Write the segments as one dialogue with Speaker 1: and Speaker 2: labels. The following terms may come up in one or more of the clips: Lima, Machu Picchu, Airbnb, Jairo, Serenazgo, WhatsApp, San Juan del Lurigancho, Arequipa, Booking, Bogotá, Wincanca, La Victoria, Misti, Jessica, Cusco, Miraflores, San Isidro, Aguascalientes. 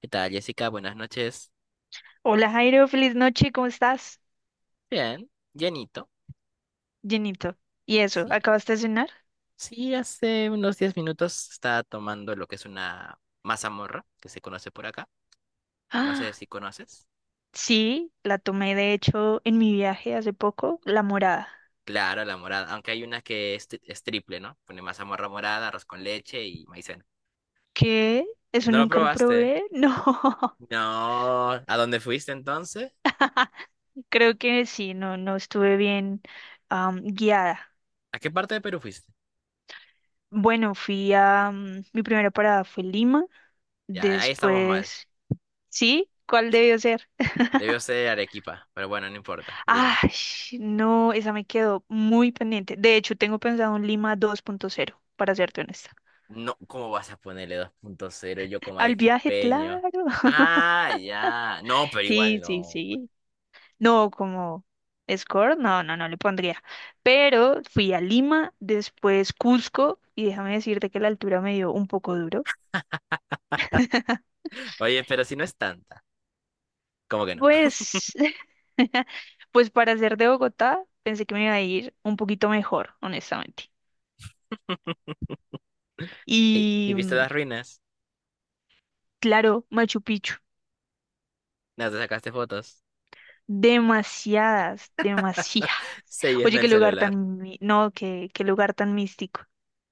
Speaker 1: ¿Qué tal, Jessica? Buenas noches.
Speaker 2: Hola Jairo, feliz noche, ¿cómo estás?
Speaker 1: Bien, llenito.
Speaker 2: Llenito. ¿Y eso?
Speaker 1: Sí.
Speaker 2: ¿Acabaste de cenar?
Speaker 1: Sí, hace unos 10 minutos estaba tomando lo que es una mazamorra que se conoce por acá. No sé
Speaker 2: Ah,
Speaker 1: si conoces.
Speaker 2: sí, la tomé de hecho en mi viaje hace poco, la morada.
Speaker 1: Claro, la morada. Aunque hay una que es, es triple, ¿no? Pone mazamorra morada, arroz con leche y maicena.
Speaker 2: ¿Qué? ¿Eso
Speaker 1: ¿No lo
Speaker 2: nunca lo
Speaker 1: probaste?
Speaker 2: probé? No,
Speaker 1: No. ¿A dónde fuiste entonces?
Speaker 2: creo que sí, no, no estuve bien guiada.
Speaker 1: ¿A qué parte de Perú fuiste?
Speaker 2: Bueno, fui a... mi primera parada fue Lima,
Speaker 1: Ya, ahí estamos mal.
Speaker 2: después... ¿Sí? ¿Cuál
Speaker 1: Sí.
Speaker 2: debió ser?
Speaker 1: Debió ser Arequipa, pero bueno, no importa. Lima.
Speaker 2: Ay, no, esa me quedó muy pendiente. De hecho, tengo pensado un Lima 2.0, para serte honesta.
Speaker 1: No, ¿cómo vas a ponerle 2.0 yo como
Speaker 2: Al viaje,
Speaker 1: arequipeño?
Speaker 2: claro.
Speaker 1: Ah, ya. No, pero igual
Speaker 2: Sí, sí,
Speaker 1: no.
Speaker 2: sí. No, como score, no, no, no le pondría. Pero fui a Lima, después Cusco, y déjame decirte que la altura me dio un poco duro.
Speaker 1: Oye, pero si no es tanta. ¿Cómo que no?
Speaker 2: Pues, pues para ser de Bogotá, pensé que me iba a ir un poquito mejor, honestamente.
Speaker 1: ¿Y
Speaker 2: Y
Speaker 1: viste las ruinas?
Speaker 2: claro, Machu Picchu.
Speaker 1: ¿No te sacaste fotos?
Speaker 2: Demasiadas, demasiadas.
Speaker 1: Se
Speaker 2: Oye,
Speaker 1: llena
Speaker 2: qué
Speaker 1: el
Speaker 2: lugar
Speaker 1: celular.
Speaker 2: tan, mi- no, qué lugar tan místico.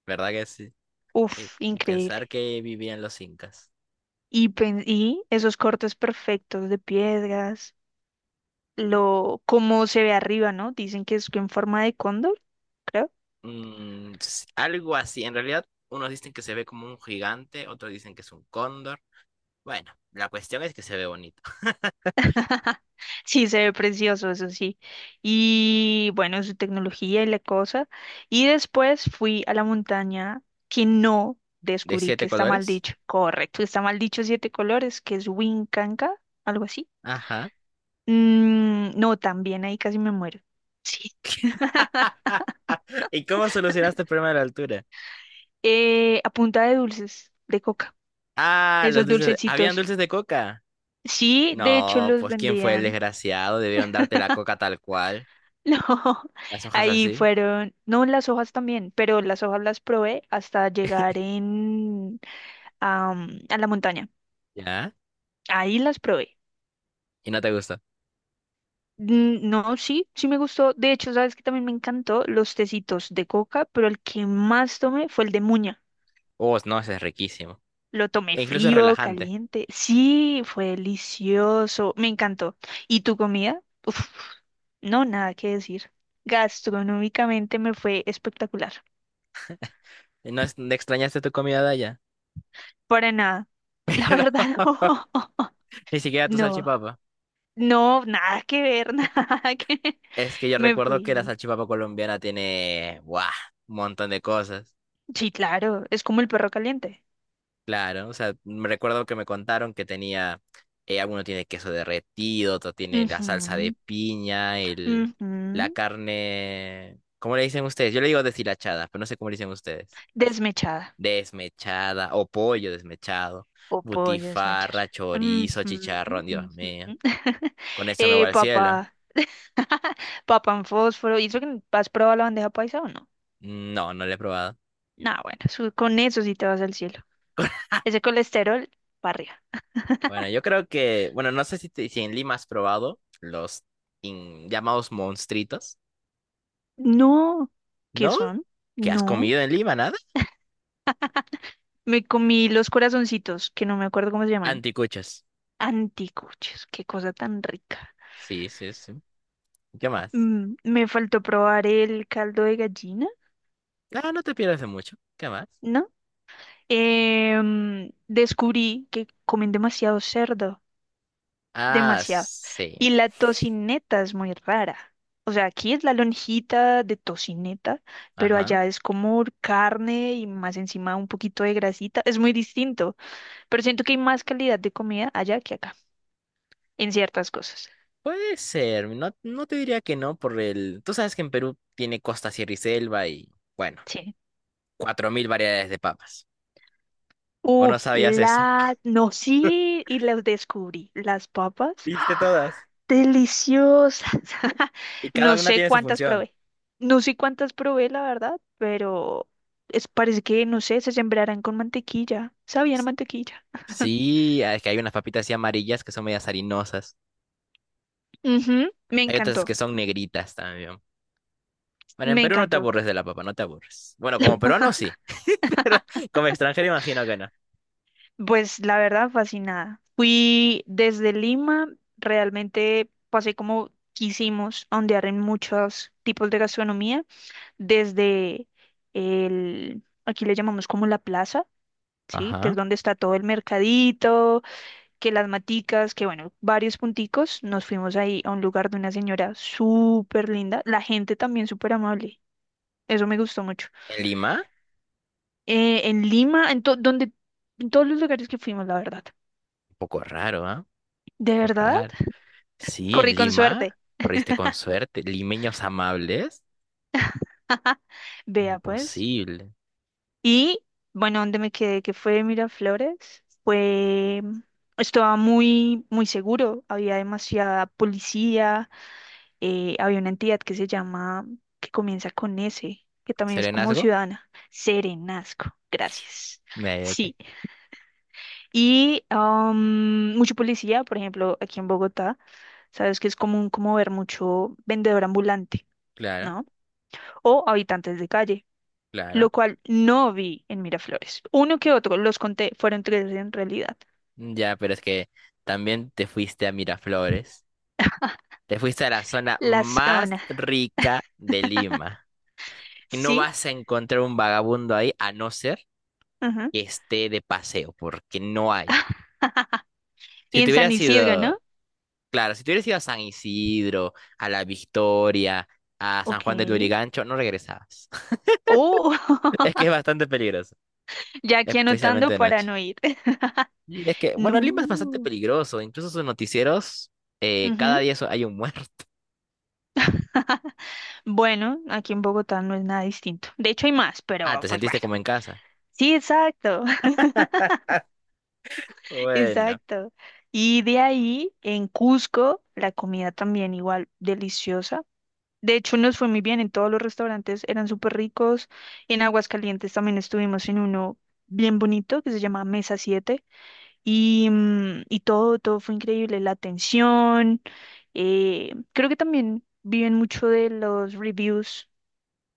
Speaker 1: ¿Verdad que sí? Y,
Speaker 2: Uf,
Speaker 1: y
Speaker 2: increíble.
Speaker 1: pensar que vivían los incas.
Speaker 2: Y, y esos cortes perfectos de piedras, lo, cómo se ve arriba, ¿no? Dicen que es en forma de cóndor, creo.
Speaker 1: Algo así. En realidad, unos dicen que se ve como un gigante, otros dicen que es un cóndor. Bueno, la cuestión es que se ve bonito.
Speaker 2: Sí, se ve precioso, eso sí. Y bueno, su tecnología y la cosa. Y después fui a la montaña que no
Speaker 1: ¿De
Speaker 2: descubrí
Speaker 1: siete
Speaker 2: que está mal
Speaker 1: colores?
Speaker 2: dicho. Correcto, está mal dicho siete colores, que es Wincanca, algo así.
Speaker 1: Ajá.
Speaker 2: Mm, no, también ahí casi me muero. Sí.
Speaker 1: ¿Y cómo solucionaste el problema de la altura?
Speaker 2: A punta de dulces, de coca.
Speaker 1: Ah, los
Speaker 2: Esos
Speaker 1: ¿Habían
Speaker 2: dulcecitos.
Speaker 1: dulces de coca?
Speaker 2: Sí, de hecho
Speaker 1: No,
Speaker 2: los
Speaker 1: pues ¿quién fue el
Speaker 2: vendían.
Speaker 1: desgraciado? Debieron darte la coca tal cual,
Speaker 2: No,
Speaker 1: las hojas
Speaker 2: ahí
Speaker 1: así,
Speaker 2: fueron, no las hojas también, pero las hojas las probé hasta llegar en a la montaña.
Speaker 1: ¿ya?
Speaker 2: Ahí las probé.
Speaker 1: Y no te gusta.
Speaker 2: Mm, no, sí, sí me gustó. De hecho, sabes que también me encantó los tecitos de coca, pero el que más tomé fue el de muña.
Speaker 1: Oh, no, ese es riquísimo.
Speaker 2: Lo tomé
Speaker 1: E incluso es
Speaker 2: frío,
Speaker 1: relajante.
Speaker 2: caliente. Sí, fue delicioso. Me encantó. ¿Y tu comida? Uf, no, nada que decir. Gastronómicamente me fue espectacular.
Speaker 1: ¿No extrañaste tu comida de allá?
Speaker 2: Para nada. La verdad,
Speaker 1: Ni siquiera tu
Speaker 2: no.
Speaker 1: salchipapa.
Speaker 2: No, no, nada que ver, nada que...
Speaker 1: Es que yo
Speaker 2: Me
Speaker 1: recuerdo que la
Speaker 2: fui.
Speaker 1: salchipapa colombiana tiene, ¡buah! Un montón de cosas.
Speaker 2: Sí, claro, es como el perro caliente.
Speaker 1: Claro, o sea, me recuerdo que me contaron que tenía, alguno tiene queso derretido, otro tiene la salsa de
Speaker 2: Ujú,
Speaker 1: piña, el, la
Speaker 2: ujú.
Speaker 1: carne, ¿cómo le dicen ustedes? Yo le digo deshilachada, pero no sé cómo le dicen ustedes.
Speaker 2: Desmechada
Speaker 1: Desmechada o pollo desmechado,
Speaker 2: o pollo desmechar.
Speaker 1: butifarra, chorizo,
Speaker 2: Ujú,
Speaker 1: chicharrón, Dios
Speaker 2: ujú.
Speaker 1: mío. ¿Con esto me voy al cielo?
Speaker 2: Papá, papá en fósforo. ¿Y eso que has probado la bandeja paisa o no?
Speaker 1: No, no lo he probado.
Speaker 2: Nah, bueno, con eso sí te vas al cielo. Ese colesterol para arriba.
Speaker 1: Bueno, yo creo que, bueno, no sé si, si en Lima has probado los llamados monstritos,
Speaker 2: No, ¿qué
Speaker 1: ¿no?
Speaker 2: son?
Speaker 1: ¿Qué has
Speaker 2: No.
Speaker 1: comido en Lima? Nada.
Speaker 2: Me comí los corazoncitos, que no me acuerdo cómo se llaman.
Speaker 1: Anticuchos.
Speaker 2: Anticuchos, qué cosa tan rica.
Speaker 1: Sí, sí, sí. ¿Qué más?
Speaker 2: Mm, me faltó probar el caldo de gallina,
Speaker 1: Ah, no te pierdas de mucho. ¿Qué más?
Speaker 2: ¿no? Descubrí que comen demasiado cerdo,
Speaker 1: Ah,
Speaker 2: demasiado.
Speaker 1: sí.
Speaker 2: Y la tocineta es muy rara. O sea, aquí es la lonjita de tocineta, pero
Speaker 1: Ajá.
Speaker 2: allá es como carne y más encima un poquito de grasita. Es muy distinto, pero siento que hay más calidad de comida allá que acá, en ciertas cosas.
Speaker 1: Puede ser. No, no te diría que no por el... Tú sabes que en Perú tiene costa, sierra y selva y, bueno,
Speaker 2: Sí.
Speaker 1: 4.000 variedades de papas. ¿O no
Speaker 2: Uf,
Speaker 1: sabías eso?
Speaker 2: la... No, sí, y las descubrí. Las papas.
Speaker 1: Viste
Speaker 2: ¡Ah!
Speaker 1: todas.
Speaker 2: Deliciosas.
Speaker 1: Y cada
Speaker 2: No
Speaker 1: una
Speaker 2: sé
Speaker 1: tiene su
Speaker 2: cuántas
Speaker 1: función.
Speaker 2: probé. No sé cuántas probé, la verdad, pero es, parece que, no sé, se sembrarán con mantequilla. Sabían a
Speaker 1: S-
Speaker 2: mantequilla.
Speaker 1: Sí, ah, es que hay unas papitas así amarillas que son medias harinosas.
Speaker 2: Ujú, me
Speaker 1: Hay otras
Speaker 2: encantó,
Speaker 1: que son negritas también. Bueno, en
Speaker 2: me
Speaker 1: Perú no te
Speaker 2: encantó.
Speaker 1: aburres de la papa, no te aburres. Bueno, como peruano sí, pero como extranjero imagino que no.
Speaker 2: Pues la verdad, fascinada. Fui desde Lima, realmente pasé como quisimos, a ondear en muchos tipos de gastronomía. Desde el, aquí le llamamos como la plaza, ¿sí? Que
Speaker 1: Ajá.
Speaker 2: es donde está todo el mercadito, que las maticas, que bueno, varios punticos. Nos fuimos ahí a un lugar de una señora súper linda, la gente también súper amable. Eso me gustó mucho.
Speaker 1: ¿En Lima?
Speaker 2: En Lima, en, donde, en todos los lugares que fuimos, la verdad.
Speaker 1: Un poco raro, ¿ah? Un
Speaker 2: ¿De
Speaker 1: poco
Speaker 2: verdad?
Speaker 1: raro. Sí, en
Speaker 2: Corrí con
Speaker 1: Lima.
Speaker 2: suerte.
Speaker 1: Corriste con suerte. Limeños amables.
Speaker 2: Vea pues.
Speaker 1: Imposible.
Speaker 2: Y bueno, donde me quedé, que fue Miraflores, fue, estaba muy, muy seguro, había demasiada policía, había una entidad que se llama, que comienza con S, que también es como
Speaker 1: ¿Serenazgo?
Speaker 2: ciudadana, Serenazgo, gracias.
Speaker 1: Ni idea de qué.
Speaker 2: Sí, y mucho policía, por ejemplo, aquí en Bogotá, sabes que es común como ver mucho vendedor ambulante,
Speaker 1: Claro,
Speaker 2: ¿no? O habitantes de calle
Speaker 1: claro.
Speaker 2: lo cual no vi en Miraflores. Uno que otro, los conté, fueron tres en realidad.
Speaker 1: Ya, pero es que también te fuiste a Miraflores. Te fuiste a la zona
Speaker 2: La
Speaker 1: más
Speaker 2: zona,
Speaker 1: rica de Lima. Y no
Speaker 2: sí,
Speaker 1: vas a encontrar un vagabundo ahí, a no ser
Speaker 2: ajá.
Speaker 1: que esté de paseo, porque no hay. Si
Speaker 2: Y
Speaker 1: te
Speaker 2: en San
Speaker 1: hubieras
Speaker 2: Isidro, ¿no?
Speaker 1: ido, claro, si te hubieras ido a San Isidro, a La Victoria, a San
Speaker 2: Ok.
Speaker 1: Juan del Lurigancho, no regresabas.
Speaker 2: Oh,
Speaker 1: Es que es bastante peligroso,
Speaker 2: ya aquí
Speaker 1: especialmente
Speaker 2: anotando
Speaker 1: de
Speaker 2: para
Speaker 1: noche.
Speaker 2: no ir.
Speaker 1: Y es que, bueno, Lima es bastante
Speaker 2: No.
Speaker 1: peligroso, incluso sus noticieros, cada
Speaker 2: Ujú.
Speaker 1: día hay un muerto.
Speaker 2: Bueno, aquí en Bogotá no es nada distinto. De hecho, hay más,
Speaker 1: Ah,
Speaker 2: pero
Speaker 1: ¿te
Speaker 2: pues bueno.
Speaker 1: sentiste como en casa?
Speaker 2: Sí, exacto,
Speaker 1: Bueno.
Speaker 2: exacto. Y de ahí, en Cusco, la comida también igual deliciosa. De hecho, nos fue muy bien en todos los restaurantes, eran súper ricos. En Aguascalientes también estuvimos en uno bien bonito que se llama Mesa 7 y, y todo, todo fue increíble, la atención. Creo que también viven mucho de los reviews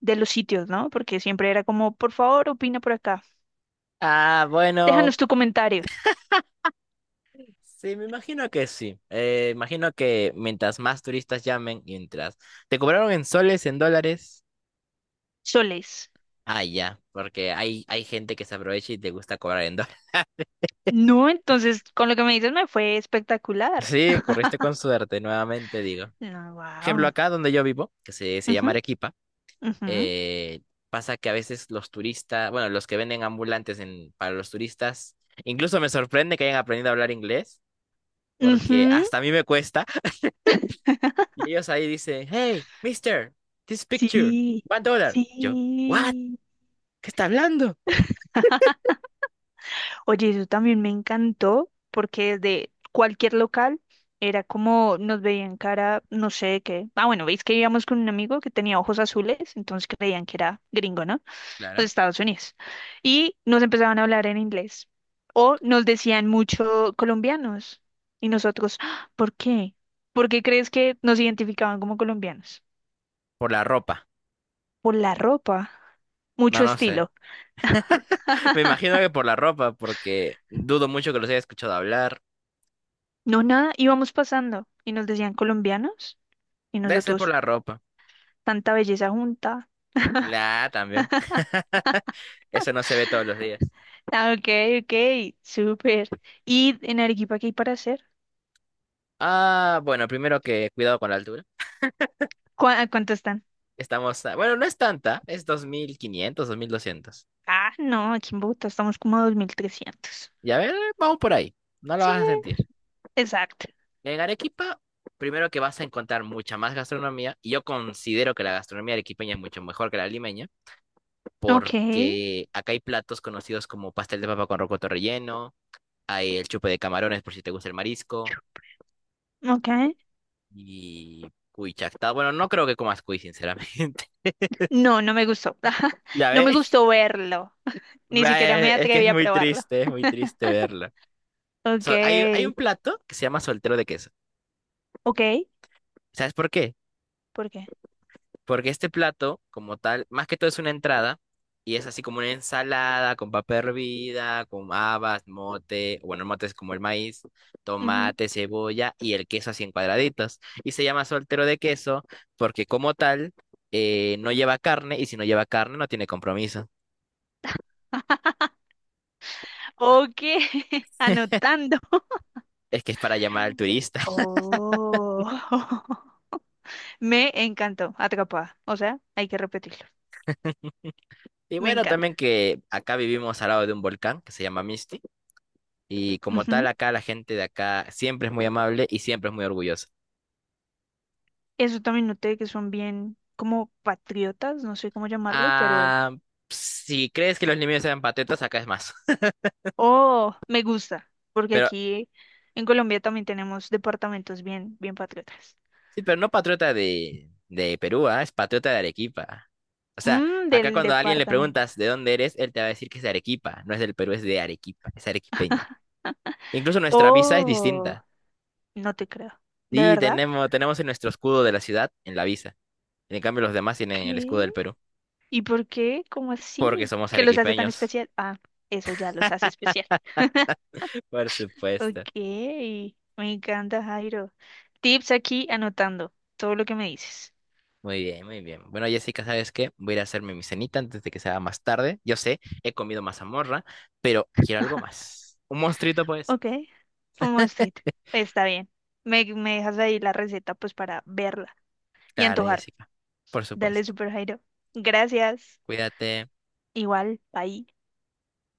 Speaker 2: de los sitios, ¿no? Porque siempre era como, por favor, opina por acá,
Speaker 1: Ah, bueno,
Speaker 2: déjanos tu comentario,
Speaker 1: sí, me imagino que sí. Imagino que mientras más turistas llamen, mientras... ¿Te cobraron en soles, en dólares?
Speaker 2: soles.
Speaker 1: Ah, ya, porque hay gente que se aprovecha y te gusta cobrar en dólares.
Speaker 2: No, entonces, con lo que me dices me fue espectacular.
Speaker 1: Sí, corriste con suerte, nuevamente digo.
Speaker 2: No,
Speaker 1: Ejemplo,
Speaker 2: wow.
Speaker 1: acá donde yo vivo, que se
Speaker 2: Ujú,
Speaker 1: llama Arequipa,
Speaker 2: ujú,
Speaker 1: eh, pasa que a veces los turistas, bueno, los que venden ambulantes en, para los turistas, incluso me sorprende que hayan aprendido a hablar inglés, porque
Speaker 2: ujú.
Speaker 1: hasta a mí me cuesta. Y ellos ahí dicen, hey, mister, this picture,
Speaker 2: Sí,
Speaker 1: one dollar. Yo, what?
Speaker 2: sí.
Speaker 1: ¿Qué está hablando?
Speaker 2: Oye, eso también me encantó porque desde cualquier local era como nos veían cara, no sé de qué. Ah, bueno, veis que íbamos con un amigo que tenía ojos azules, entonces creían que era gringo, ¿no? Los
Speaker 1: Claro.
Speaker 2: Estados Unidos. Y nos empezaban a hablar en inglés. O nos decían mucho colombianos. Y nosotros, "Ah, ¿por qué? ¿Por qué crees que nos identificaban como colombianos?
Speaker 1: Por la ropa.
Speaker 2: Por la ropa,
Speaker 1: No,
Speaker 2: mucho
Speaker 1: no sé.
Speaker 2: estilo.
Speaker 1: Me imagino que por la ropa, porque dudo mucho que los haya escuchado hablar.
Speaker 2: No, nada, íbamos pasando y nos decían colombianos y
Speaker 1: Debe ser por
Speaker 2: nosotros,
Speaker 1: la ropa.
Speaker 2: tanta belleza junta.
Speaker 1: La A también. Eso no se ve todos los días.
Speaker 2: Ah, ok, ok, súper. ¿Y en Arequipa qué hay para hacer?
Speaker 1: Ah, bueno, primero que cuidado con la altura.
Speaker 2: A cuánto están?
Speaker 1: Estamos, bueno, no es tanta, es 2.500, 2.200.
Speaker 2: Ah, no, aquí en Bogotá estamos como a 2300.
Speaker 1: Y a ver, vamos por ahí. No lo
Speaker 2: Sí,
Speaker 1: vas a sentir.
Speaker 2: exacto.
Speaker 1: En Arequipa, primero que vas a encontrar mucha más gastronomía. Y yo considero que la gastronomía arequipeña es mucho mejor que la limeña,
Speaker 2: Ok,
Speaker 1: porque acá hay platos conocidos como pastel de papa con rocoto relleno. Hay el chupe de camarones por si te gusta el marisco.
Speaker 2: ok.
Speaker 1: Y cuy chactado. Bueno, no creo que comas cuy, sinceramente.
Speaker 2: No, no me gustó.
Speaker 1: ¿Ya
Speaker 2: No me
Speaker 1: ves?
Speaker 2: gustó verlo. Ni siquiera
Speaker 1: Ve,
Speaker 2: me
Speaker 1: es que
Speaker 2: atreví a probarlo.
Speaker 1: es muy triste verla.
Speaker 2: Ok,
Speaker 1: Hay un plato que se llama soltero de queso.
Speaker 2: ok.
Speaker 1: ¿Sabes por qué?
Speaker 2: ¿Por qué?
Speaker 1: Porque este plato, como tal, más que todo es una entrada y es así como una ensalada con papa hervida, con habas, mote, bueno, el mote es como el maíz,
Speaker 2: Ujú.
Speaker 1: tomate, cebolla y el queso así en cuadraditos. Y se llama soltero de queso porque como tal no lleva carne y si no lleva carne no tiene compromiso.
Speaker 2: Ok, anotando.
Speaker 1: Es que es para llamar al turista.
Speaker 2: Oh. Me encantó, atrapada. O sea, hay que repetirlo.
Speaker 1: Y
Speaker 2: Me
Speaker 1: bueno,
Speaker 2: encanta.
Speaker 1: también que acá vivimos al lado de un volcán que se llama Misti y como tal
Speaker 2: Ujú.
Speaker 1: acá la gente de acá siempre es muy amable y siempre es muy orgullosa.
Speaker 2: Eso también noté que son bien como patriotas, no sé cómo llamarlo, pero...
Speaker 1: Ah, si crees que los limeños eran patriotas, acá es más.
Speaker 2: Oh, me gusta, porque
Speaker 1: Pero
Speaker 2: aquí en Colombia también tenemos departamentos bien, bien patriotas.
Speaker 1: sí, pero no patriota de, Perú, ah, es patriota de Arequipa. O sea,
Speaker 2: Mmm,
Speaker 1: acá
Speaker 2: del
Speaker 1: cuando a alguien le
Speaker 2: departamento.
Speaker 1: preguntas de dónde eres, él te va a decir que es de Arequipa. No es del Perú, es de Arequipa, es arequipeño. Incluso nuestra visa es
Speaker 2: Oh,
Speaker 1: distinta.
Speaker 2: no te creo. ¿De
Speaker 1: Sí,
Speaker 2: verdad?
Speaker 1: tenemos, tenemos en nuestro escudo de la ciudad, en la visa. En cambio, los demás tienen el escudo
Speaker 2: ¿Qué?
Speaker 1: del Perú,
Speaker 2: ¿Y por qué? ¿Cómo
Speaker 1: porque
Speaker 2: así?
Speaker 1: somos
Speaker 2: ¿Qué los hace tan
Speaker 1: arequipeños.
Speaker 2: especial? Ah, eso ya los hace especial.
Speaker 1: Por supuesto.
Speaker 2: Ok, me encanta, Jairo. Tips aquí anotando todo lo que me dices.
Speaker 1: Muy bien, muy bien. Bueno, Jessica, ¿sabes qué? Voy a ir a hacerme mi cenita antes de que sea más tarde. Yo sé, he comido mazamorra, pero quiero algo más. Un monstruito, pues.
Speaker 2: Ok, un mosquito, está bien. Me dejas ahí la receta pues para verla y
Speaker 1: Claro,
Speaker 2: antojar.
Speaker 1: Jessica. Por
Speaker 2: Dale,
Speaker 1: supuesto.
Speaker 2: Super Jairo. Gracias.
Speaker 1: Cuídate.
Speaker 2: Igual, bye.